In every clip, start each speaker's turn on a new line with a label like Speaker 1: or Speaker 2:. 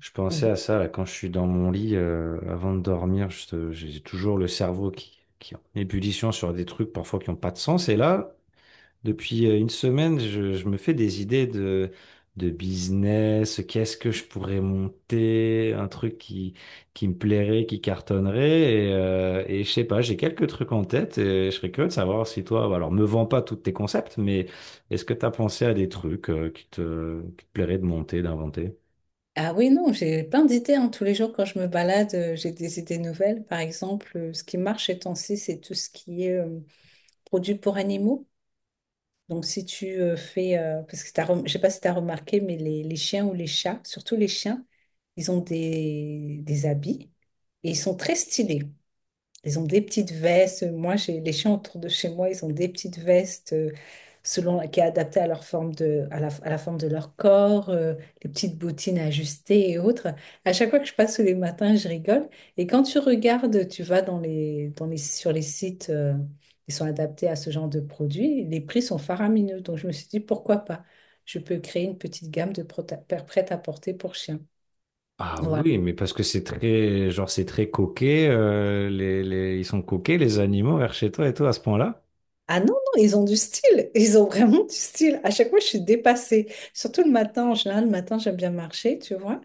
Speaker 1: Je pensais à ça là, quand je suis dans mon lit avant de dormir, j'ai toujours le cerveau qui est en ébullition sur des trucs parfois qui n'ont pas de sens. Et là, depuis une semaine, je me fais des idées de business, qu'est-ce que je pourrais monter, un truc qui me plairait, qui cartonnerait. Et je sais pas, j'ai quelques trucs en tête et je serais curieux de savoir si toi, bah, alors me vends pas tous tes concepts, mais est-ce que tu as pensé à des trucs qui te plairaient de monter, d'inventer?
Speaker 2: Ah oui, non, j'ai plein d'idées, hein. Tous les jours, quand je me balade, j'ai des idées nouvelles. Par exemple, ce qui marche ces temps-ci, c'est tout ce qui est produits pour animaux. Donc, si tu fais, parce que je sais pas si tu as remarqué, mais les chiens ou les chats, surtout les chiens, ils ont des habits et ils sont très stylés. Ils ont des petites vestes. Moi, j'ai les chiens autour de chez moi, ils ont des petites vestes selon qui est adaptée à leur forme de, à la forme de leur corps, les petites bottines ajustées et autres. À chaque fois que je passe tous les matins, je rigole. Et quand tu regardes, tu vas sur les sites qui sont adaptés à ce genre de produits, les prix sont faramineux. Donc, je me suis dit, pourquoi pas? Je peux créer une petite gamme de prêt à porter pour chiens.
Speaker 1: Ah
Speaker 2: Voilà.
Speaker 1: oui, mais parce que c'est très, genre, c'est très coquet. Ils sont coquets, les animaux, vers chez toi et tout, à ce point-là.
Speaker 2: Ah non, non, ils ont du style. Ils ont vraiment du style. À chaque fois, je suis dépassée. Surtout le matin, en général, le matin, j'aime bien marcher, tu vois.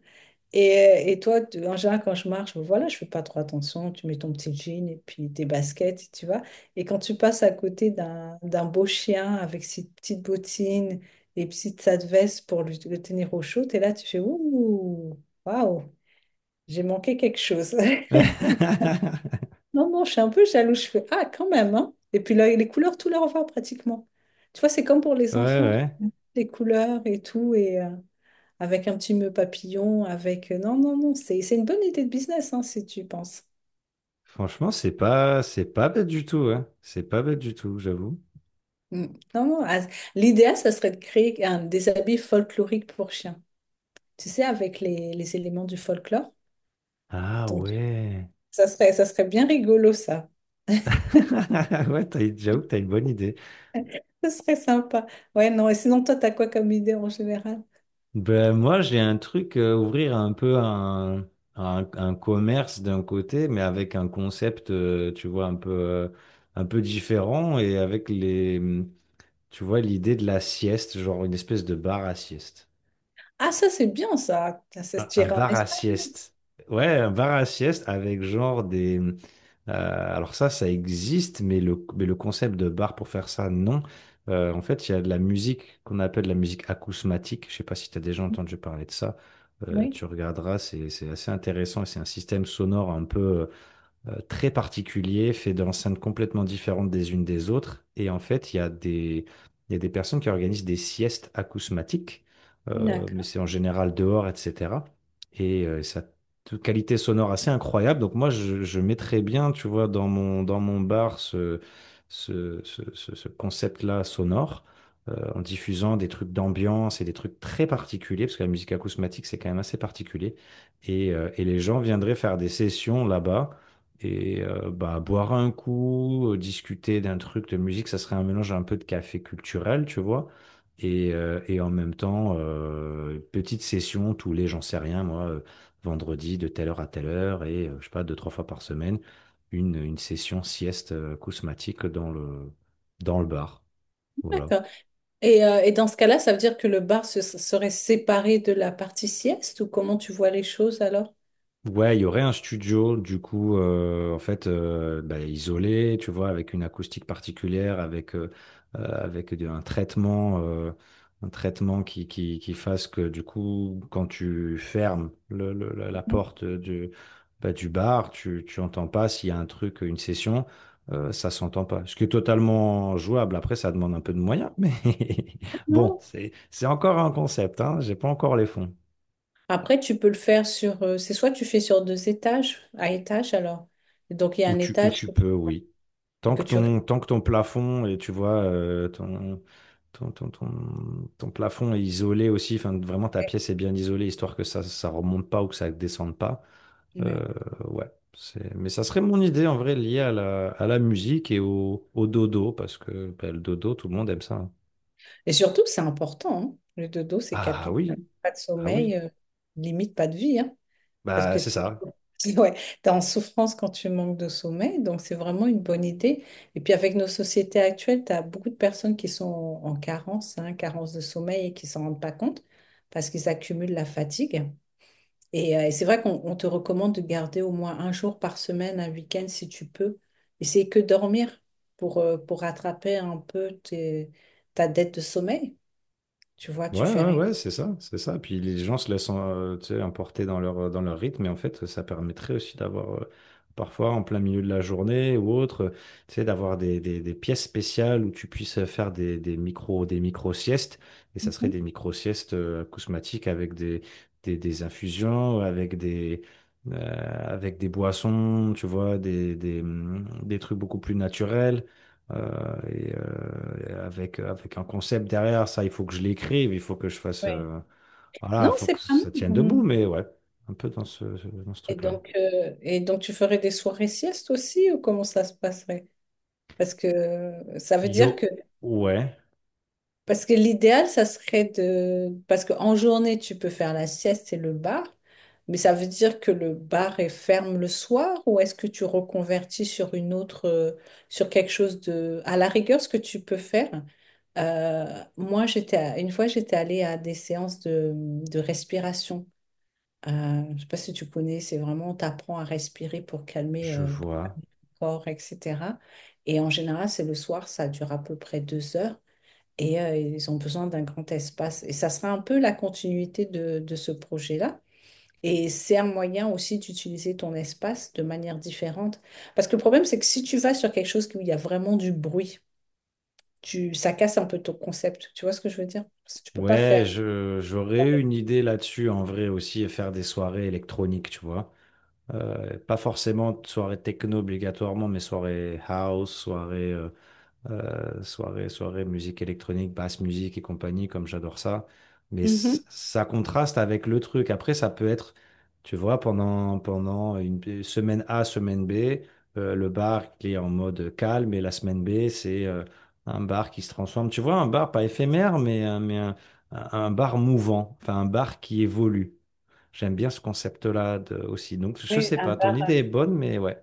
Speaker 2: Et, et toi, en général, quand je marche, ben voilà, je fais pas trop attention. Tu mets ton petit jean et puis tes baskets, tu vois. Et quand tu passes à côté d'un beau chien avec ses petites bottines et petite sa veste pour le tenir au chaud, et là, tu fais ouh, waouh, j'ai manqué quelque chose. Non, non, je suis un peu jaloux. Je fais, ah, quand même, hein. Et puis là, les couleurs, tout leur va pratiquement. Tu vois, c'est comme pour les
Speaker 1: Ouais,
Speaker 2: enfants,
Speaker 1: ouais.
Speaker 2: les couleurs et tout, et avec un petit nœud papillon, avec... Non, non, non, c'est une bonne idée de business, hein, si tu y penses.
Speaker 1: Franchement, c'est pas bête du tout, hein. C'est pas bête du tout, j'avoue.
Speaker 2: Mm. Non, non, ah, l'idéal, ça serait de créer des habits folkloriques pour chiens. Tu sais, avec les éléments du folklore.
Speaker 1: Ah
Speaker 2: Donc,
Speaker 1: ouais.
Speaker 2: ça serait bien rigolo, ça.
Speaker 1: Ouais, t'as, j'avoue que t'as une bonne idée.
Speaker 2: Ça serait sympa. Ouais, non, et sinon, toi, t'as quoi comme idée en général?
Speaker 1: Ben, moi, j'ai un truc, ouvrir un peu un commerce d'un côté, mais avec un concept, tu vois, un peu différent et avec les, tu vois, l'idée de la sieste, genre une espèce de bar à sieste.
Speaker 2: Ah, ça, c'est bien, ça. Ça se
Speaker 1: Un
Speaker 2: tire en
Speaker 1: bar à
Speaker 2: Espagne.
Speaker 1: sieste. Ouais, un bar à sieste avec genre des... alors ça existe, mais le concept de bar pour faire ça, non. En fait, il y a de la musique qu'on appelle la musique acousmatique. Je sais pas si tu as déjà entendu parler de ça.
Speaker 2: Oui,
Speaker 1: Tu regarderas, c'est assez intéressant et c'est un système sonore un peu très particulier, fait d'enceintes complètement différentes des unes des autres. Et en fait, il y a des personnes qui organisent des siestes acousmatiques, mais
Speaker 2: d'accord,
Speaker 1: c'est en général dehors, etc. Ça a une qualité sonore assez incroyable. Donc moi, je mettrais bien, tu vois, dans mon bar ce concept-là sonore, en diffusant des trucs d'ambiance et des trucs très particuliers, parce que la musique acousmatique, c'est quand même assez particulier. Et les gens viendraient faire des sessions là-bas et bah, boire un coup, discuter d'un truc de musique, ça serait un mélange un peu de café culturel, tu vois. Et en même temps, petite session tous les, j'en sais rien, moi, vendredi de telle heure à telle heure et je sais pas, deux, trois fois par semaine, une session sieste acousmatique dans le bar. Voilà.
Speaker 2: d'accord. Et dans ce cas-là, ça veut dire que le bar serait séparé de la partie sieste ou comment tu vois les choses alors?
Speaker 1: Ouais, il y aurait un studio, du coup, en fait, bah, isolé, tu vois, avec une acoustique particulière, avec un traitement qui fasse que, du coup, quand tu fermes la
Speaker 2: Mhm.
Speaker 1: porte du, bah, du bar, tu entends pas s'il y a un truc, une session, ça s'entend pas. Ce qui est totalement jouable. Après, ça demande un peu de moyens, mais bon,
Speaker 2: Non.
Speaker 1: c'est encore un concept, hein, j'ai pas encore les fonds.
Speaker 2: Après, tu peux le faire sur... c'est soit tu fais sur deux étages, à étage alors. Et donc, il y a un
Speaker 1: Où
Speaker 2: étage
Speaker 1: tu
Speaker 2: que tu,
Speaker 1: peux,
Speaker 2: ouais,
Speaker 1: oui.
Speaker 2: et que tu respectes.
Speaker 1: Tant que ton plafond, et tu vois, ton plafond est isolé aussi, enfin, vraiment ta pièce est bien isolée, histoire que ça ça remonte pas ou que ça descende pas.
Speaker 2: Ouais.
Speaker 1: Euh, ouais, c'est... Mais ça serait mon idée, en vrai, liée à la musique et au, au dodo, parce que bah, le dodo, tout le monde aime ça. Hein.
Speaker 2: Et surtout, c'est important, hein. Le dodo, c'est
Speaker 1: Ah
Speaker 2: capital.
Speaker 1: oui,
Speaker 2: Pas de
Speaker 1: ah oui,
Speaker 2: sommeil, limite pas de vie, hein. Parce
Speaker 1: bah
Speaker 2: que
Speaker 1: c'est ça.
Speaker 2: ouais, tu es en souffrance quand tu manques de sommeil, donc c'est vraiment une bonne idée. Et puis avec nos sociétés actuelles, tu as beaucoup de personnes qui sont en carence, hein, carence de sommeil et qui s'en rendent pas compte parce qu'ils accumulent la fatigue. Et c'est vrai qu'on on te recommande de garder au moins un jour par semaine, un week-end si tu peux. Essaye que dormir pour rattraper un peu ta dette de sommeil. Tu vois, tu
Speaker 1: Ouais,
Speaker 2: fais
Speaker 1: ouais,
Speaker 2: rien.
Speaker 1: ouais, c'est ça, c'est ça. Puis les gens se laissent tu sais, emporter dans leur rythme, et en fait, ça permettrait aussi d'avoir, parfois en plein milieu de la journée ou autre, tu sais, d'avoir des pièces spéciales où tu puisses faire des micro-siestes, et ça serait des micro-siestes acousmatiques avec des infusions, euh, avec des boissons, tu vois, des trucs beaucoup plus naturels. Avec, avec un concept derrière, ça, il faut que je l'écrive, il faut que je fasse.
Speaker 2: Ouais.
Speaker 1: Voilà,
Speaker 2: Non,
Speaker 1: il faut que
Speaker 2: c'est pas
Speaker 1: ça tienne debout,
Speaker 2: mal.
Speaker 1: mais ouais, un peu dans dans ce truc-là.
Speaker 2: Et donc, tu ferais des soirées siestes aussi ou comment ça se passerait? Parce que ça veut dire que,
Speaker 1: Yo, ouais,
Speaker 2: parce que l'idéal, ça serait de, parce qu'en journée, tu peux faire la sieste et le bar, mais ça veut dire que le bar est ferme le soir ou est-ce que tu reconvertis sur une autre, sur quelque chose de, à la rigueur, ce que tu peux faire. Moi, une fois, j'étais allée à des séances de respiration. Je sais pas si tu connais, c'est vraiment, on t'apprend à respirer pour calmer
Speaker 1: je vois.
Speaker 2: corps, etc. Et en général, c'est le soir, ça dure à peu près deux heures et ils ont besoin d'un grand espace. Et ça sera un peu la continuité de ce projet-là. Et c'est un moyen aussi d'utiliser ton espace de manière différente. Parce que le problème, c'est que si tu vas sur quelque chose où il y a vraiment du bruit, tu, ça casse un peu ton concept. Tu vois ce que je veux dire? Parce que tu peux pas
Speaker 1: Ouais,
Speaker 2: faire.
Speaker 1: j'aurais eu une idée là-dessus en vrai aussi, et faire des soirées électroniques, tu vois. Pas forcément de soirée techno obligatoirement, mais soirée house, soirée musique électronique, basse musique et compagnie, comme j'adore ça. Mais
Speaker 2: Mhm.
Speaker 1: ça contraste avec le truc. Après, ça peut être, tu vois, pendant une semaine A, semaine B, le bar qui est en mode calme et la semaine B, c'est un bar qui se transforme. Tu vois, un bar pas éphémère, mais, un bar mouvant, enfin un bar qui évolue. J'aime bien ce concept-là aussi. Donc, je
Speaker 2: Oui,
Speaker 1: sais
Speaker 2: un.
Speaker 1: pas, ton idée est bonne, mais ouais,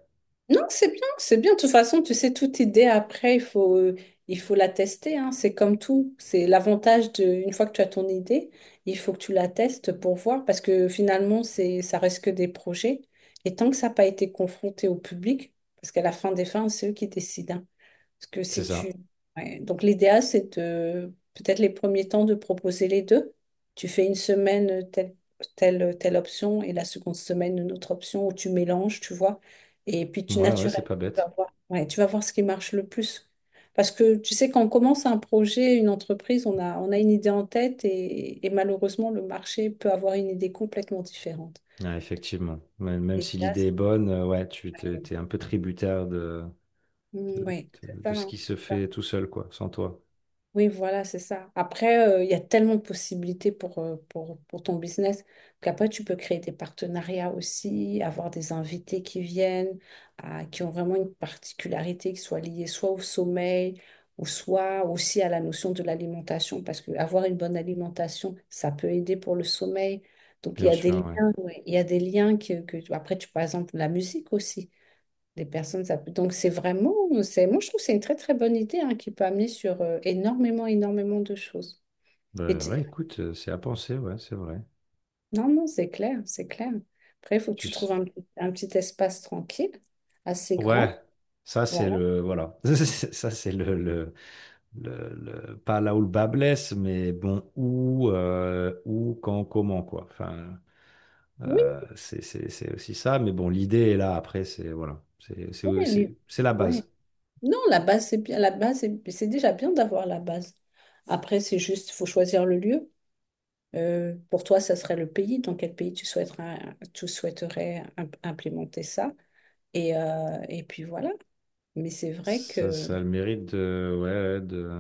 Speaker 2: Non, c'est bien, c'est bien. De toute façon, tu sais, toute idée après, il faut la tester, hein. C'est comme tout. C'est l'avantage de, une fois que tu as ton idée, il faut que tu la testes pour voir, parce que finalement, c'est, ça reste que des projets. Et tant que ça n'a pas été confronté au public, parce qu'à la fin des fins, c'est eux qui décident, hein. Parce que
Speaker 1: c'est
Speaker 2: si tu...
Speaker 1: ça.
Speaker 2: ouais. Donc l'idéal, c'est de peut-être les premiers temps de proposer les deux. Tu fais une semaine telle, telle option et la seconde semaine une autre option où tu mélanges, tu vois. Et puis tu
Speaker 1: Ouais, ouais, c'est
Speaker 2: naturellement,
Speaker 1: pas
Speaker 2: tu vas
Speaker 1: bête.
Speaker 2: voir, ouais, tu vas voir ce qui marche le plus. Parce que tu sais, quand on commence un projet, une entreprise, on a une idée en tête et malheureusement, le marché peut avoir une idée complètement différente.
Speaker 1: Ouais, effectivement. Même si
Speaker 2: L'idéal,
Speaker 1: l'idée
Speaker 2: c'est-
Speaker 1: est bonne, ouais, t'es un peu tributaire de,
Speaker 2: Mm, oui, c'est ça,
Speaker 1: de ce
Speaker 2: hein,
Speaker 1: qui se
Speaker 2: c'est ça.
Speaker 1: fait tout seul, quoi, sans toi.
Speaker 2: Oui, voilà, c'est ça. Après, il y a tellement de possibilités pour, pour ton business qu'après, tu peux créer des partenariats aussi, avoir des invités qui viennent, qui ont vraiment une particularité qui soit liée soit au sommeil ou soit aussi à la notion de l'alimentation, parce que avoir une bonne alimentation, ça peut aider pour le sommeil. Donc, il y
Speaker 1: Bien
Speaker 2: a des
Speaker 1: sûr, ouais.
Speaker 2: liens, ouais, il y a des liens après, tu, par exemple, la musique aussi. Des personnes, ça peut... Donc c'est vraiment, c'est... moi je trouve que c'est une très très bonne idée, hein, qui peut amener sur énormément, énormément de choses. Et
Speaker 1: Bah,
Speaker 2: tu-
Speaker 1: ouais, écoute, c'est à penser, ouais, c'est vrai.
Speaker 2: Non, non, c'est clair, c'est clair. Après, il faut que
Speaker 1: Tu
Speaker 2: tu
Speaker 1: s-
Speaker 2: trouves un petit espace tranquille, assez
Speaker 1: Ouais,
Speaker 2: grand.
Speaker 1: ça c'est
Speaker 2: Voilà.
Speaker 1: le, voilà. Ça c'est le pas là où le bas blesse, mais bon, où, où, quand, comment, quoi. Enfin,
Speaker 2: Oui,
Speaker 1: c'est c'est aussi ça, mais bon, l'idée est là, après, c'est, voilà, c'est
Speaker 2: oui, les-
Speaker 1: c'est la
Speaker 2: ouais.
Speaker 1: base.
Speaker 2: Non, la base, c'est bien. La base, c'est déjà bien d'avoir la base. Après, c'est juste, il faut choisir le lieu. Pour toi, ça serait le pays. Dans quel pays tu souhaiterais implémenter ça? Et puis voilà. Mais c'est vrai
Speaker 1: Ça,
Speaker 2: que.
Speaker 1: ça a le mérite de, ouais, ouais,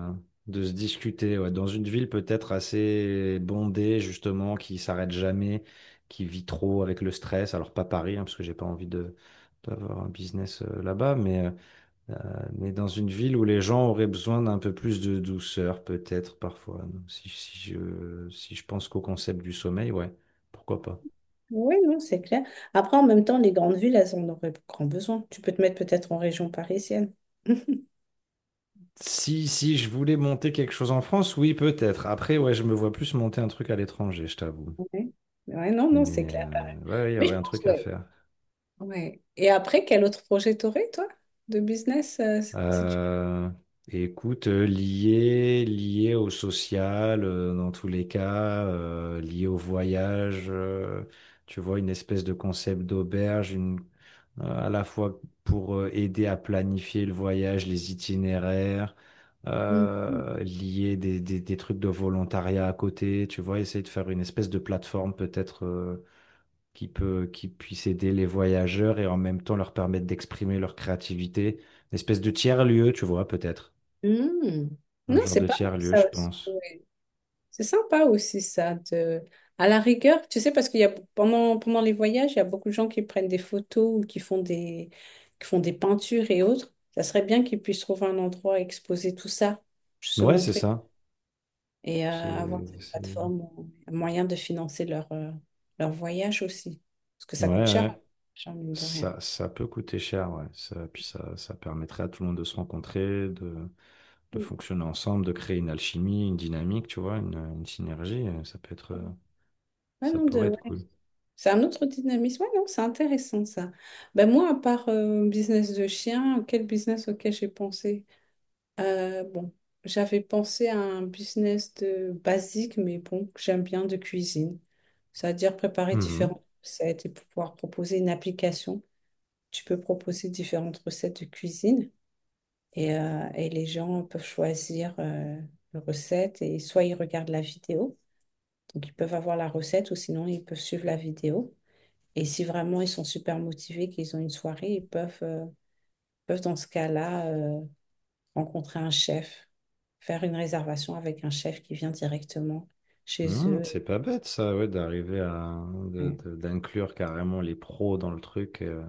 Speaker 1: de se discuter. Ouais. Dans une ville peut-être assez bondée, justement, qui s'arrête jamais, qui vit trop avec le stress. Alors pas Paris, hein, parce que j'ai pas envie de, d'avoir un business là-bas, euh, mais dans une ville où les gens auraient besoin d'un peu plus de douceur, peut-être parfois. Donc, si je pense qu'au concept du sommeil, ouais, pourquoi pas.
Speaker 2: Oui, non, c'est clair. Après, en même temps, les grandes villes, elles en auraient grand besoin. Tu peux te mettre peut-être en région parisienne.
Speaker 1: Si je voulais monter quelque chose en France, oui, peut-être. Après, ouais, je me vois plus monter un truc à l'étranger, je t'avoue.
Speaker 2: Ouais. Ouais, non, non, c'est
Speaker 1: Mais
Speaker 2: clair, pareil.
Speaker 1: ouais, ouais, il y
Speaker 2: Mais je
Speaker 1: aurait un
Speaker 2: pense,
Speaker 1: truc à
Speaker 2: ouais.
Speaker 1: faire.
Speaker 2: Ouais. Et après, quel autre projet t'aurais, toi, de business, si tu...
Speaker 1: Euh, Écoute, lié au social, dans tous les cas, lié au voyage, tu vois, une espèce de concept d'auberge, une, à la fois pour aider à planifier le voyage, les itinéraires,
Speaker 2: Mm.
Speaker 1: lier des trucs de volontariat à côté, tu vois, essayer de faire une espèce de plateforme peut-être. Qui peut, qui puisse aider les voyageurs et en même temps leur permettre d'exprimer leur créativité. Une espèce de tiers-lieu, tu vois, peut-être.
Speaker 2: Mm.
Speaker 1: Un
Speaker 2: Non,
Speaker 1: genre
Speaker 2: c'est
Speaker 1: de
Speaker 2: pas mal,
Speaker 1: tiers-lieu,
Speaker 2: ça
Speaker 1: je
Speaker 2: aussi.
Speaker 1: pense.
Speaker 2: C'est sympa aussi ça de, à la rigueur, tu sais, parce qu'il y a pendant les voyages, il y a beaucoup de gens qui prennent des photos ou qui font des peintures et autres. Ça serait bien qu'ils puissent trouver un endroit et exposer tout ça, se
Speaker 1: Ouais, c'est
Speaker 2: montrer
Speaker 1: ça.
Speaker 2: et avoir
Speaker 1: C'est,
Speaker 2: cette
Speaker 1: c'est-
Speaker 2: plateforme, un moyen de financer leur leur voyage aussi parce que
Speaker 1: Ouais,
Speaker 2: ça coûte cher,
Speaker 1: ouais.
Speaker 2: cher mine de rien.
Speaker 1: Ça peut coûter cher, ouais. Ça, puis ça permettrait à tout le monde de se rencontrer, de
Speaker 2: Mm.
Speaker 1: fonctionner ensemble, de créer une alchimie, une dynamique, tu vois, une synergie. Ça peut être,
Speaker 2: Ouais,
Speaker 1: ça
Speaker 2: non, de,
Speaker 1: pourrait être
Speaker 2: ouais.
Speaker 1: cool.
Speaker 2: C'est un autre dynamisme. Ouais, non, c'est intéressant ça. Ben moi, à part business de chien, quel business auquel j'ai pensé? Bon, j'avais pensé à un business de basique, mais bon, j'aime bien de cuisine. C'est-à-dire préparer
Speaker 1: Mhm.
Speaker 2: différentes recettes et pouvoir proposer une application. Tu peux proposer différentes recettes de cuisine et les gens peuvent choisir une recette et soit ils regardent la vidéo, donc ils peuvent avoir la recette ou sinon ils peuvent suivre la vidéo. Et si vraiment ils sont super motivés, qu'ils ont une soirée, ils peuvent, peuvent dans ce cas-là rencontrer un chef, faire une réservation avec un chef qui vient directement chez
Speaker 1: Hmm,
Speaker 2: eux.
Speaker 1: c'est pas bête ça, ouais, d'arriver à
Speaker 2: Ouais.
Speaker 1: d'inclure carrément les pros dans le truc. Euh.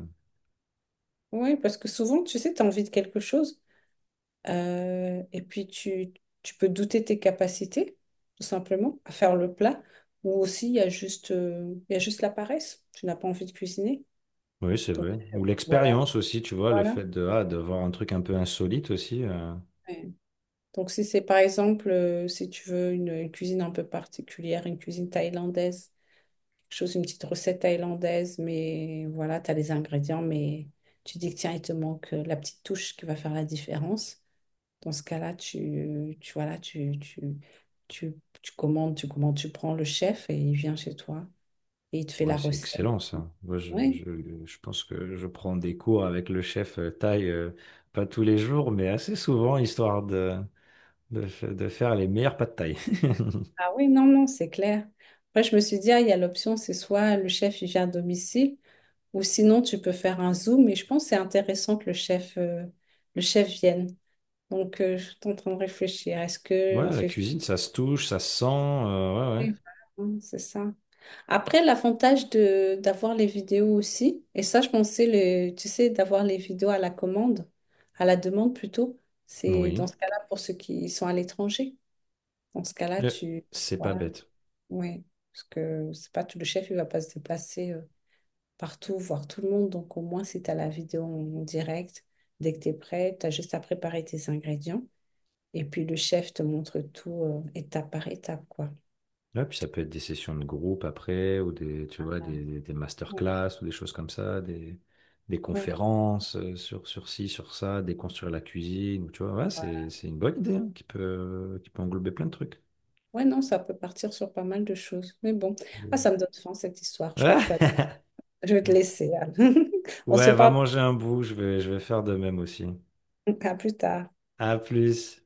Speaker 2: Oui, parce que souvent, tu sais, tu as envie de quelque chose et puis tu peux douter tes capacités, tout simplement, à faire le plat. Ou aussi, il y a juste la paresse. Tu n'as pas envie de cuisiner.
Speaker 1: Oui, c'est vrai. Ou
Speaker 2: Voilà,
Speaker 1: l'expérience aussi, tu vois, le
Speaker 2: voilà.
Speaker 1: fait de, ah, de voir un truc un peu insolite aussi. Euh.
Speaker 2: Ouais. Donc, si c'est par exemple, si tu veux une cuisine un peu particulière, une cuisine thaïlandaise, chose, une petite recette thaïlandaise, mais voilà, tu as les ingrédients, mais tu dis que tiens, il te manque la petite touche qui va faire la différence. Dans ce cas-là, tu, tu commandes, tu prends le chef et il vient chez toi et il te fait la
Speaker 1: Ouais, c'est
Speaker 2: recette.
Speaker 1: excellent ça. Moi,
Speaker 2: Oui,
Speaker 1: je pense que je prends des cours avec le chef thaï, pas tous les jours, mais assez souvent, histoire de, de faire les meilleurs pâtes de thaï.
Speaker 2: ah oui, non, non, c'est clair. Après, je me suis dit, ah, il y a l'option, c'est soit le chef il vient à domicile, ou sinon tu peux faire un Zoom, mais je pense que c'est intéressant que le chef vienne. Donc, je suis en train de réfléchir. Est-ce
Speaker 1: Ouais,
Speaker 2: qu'on
Speaker 1: la
Speaker 2: fait.
Speaker 1: cuisine, ça se touche, ça se sent. Ouais,
Speaker 2: Oui, voilà, hein, c'est ça. Après, l'avantage de d'avoir les vidéos aussi, et ça, je pensais, le, tu sais, d'avoir les vidéos à la demande plutôt,
Speaker 1: ouais.
Speaker 2: c'est dans
Speaker 1: Oui.
Speaker 2: ce cas-là pour ceux qui sont à l'étranger. Dans ce cas-là,
Speaker 1: Euh,
Speaker 2: tu...
Speaker 1: C'est pas
Speaker 2: Voilà,
Speaker 1: bête.
Speaker 2: oui. Parce que c'est pas tout, le chef, il va pas se déplacer partout, voir tout le monde. Donc au moins, si tu as la vidéo en direct, dès que tu es prêt, tu as juste à préparer tes ingrédients. Et puis le chef te montre tout étape par étape, quoi.
Speaker 1: Ouais, puis ça peut être des sessions de groupe après, ou des, tu vois, des des
Speaker 2: Ouais.
Speaker 1: masterclass, ou des choses comme ça, des
Speaker 2: Ouais.
Speaker 1: conférences sur, sur ci, sur ça, déconstruire la cuisine, ou tu vois, ouais, c'est une bonne idée, hein, qui peut englober plein de trucs.
Speaker 2: Ouais, non, ça peut partir sur pas mal de choses. Mais bon, ah, ça me donne faim cette histoire. Je crois que
Speaker 1: Ouais,
Speaker 2: je vais te laisser, Anne. On se
Speaker 1: ouais, va
Speaker 2: parle
Speaker 1: manger un bout, je vais faire de même aussi.
Speaker 2: à plus tard.
Speaker 1: À plus.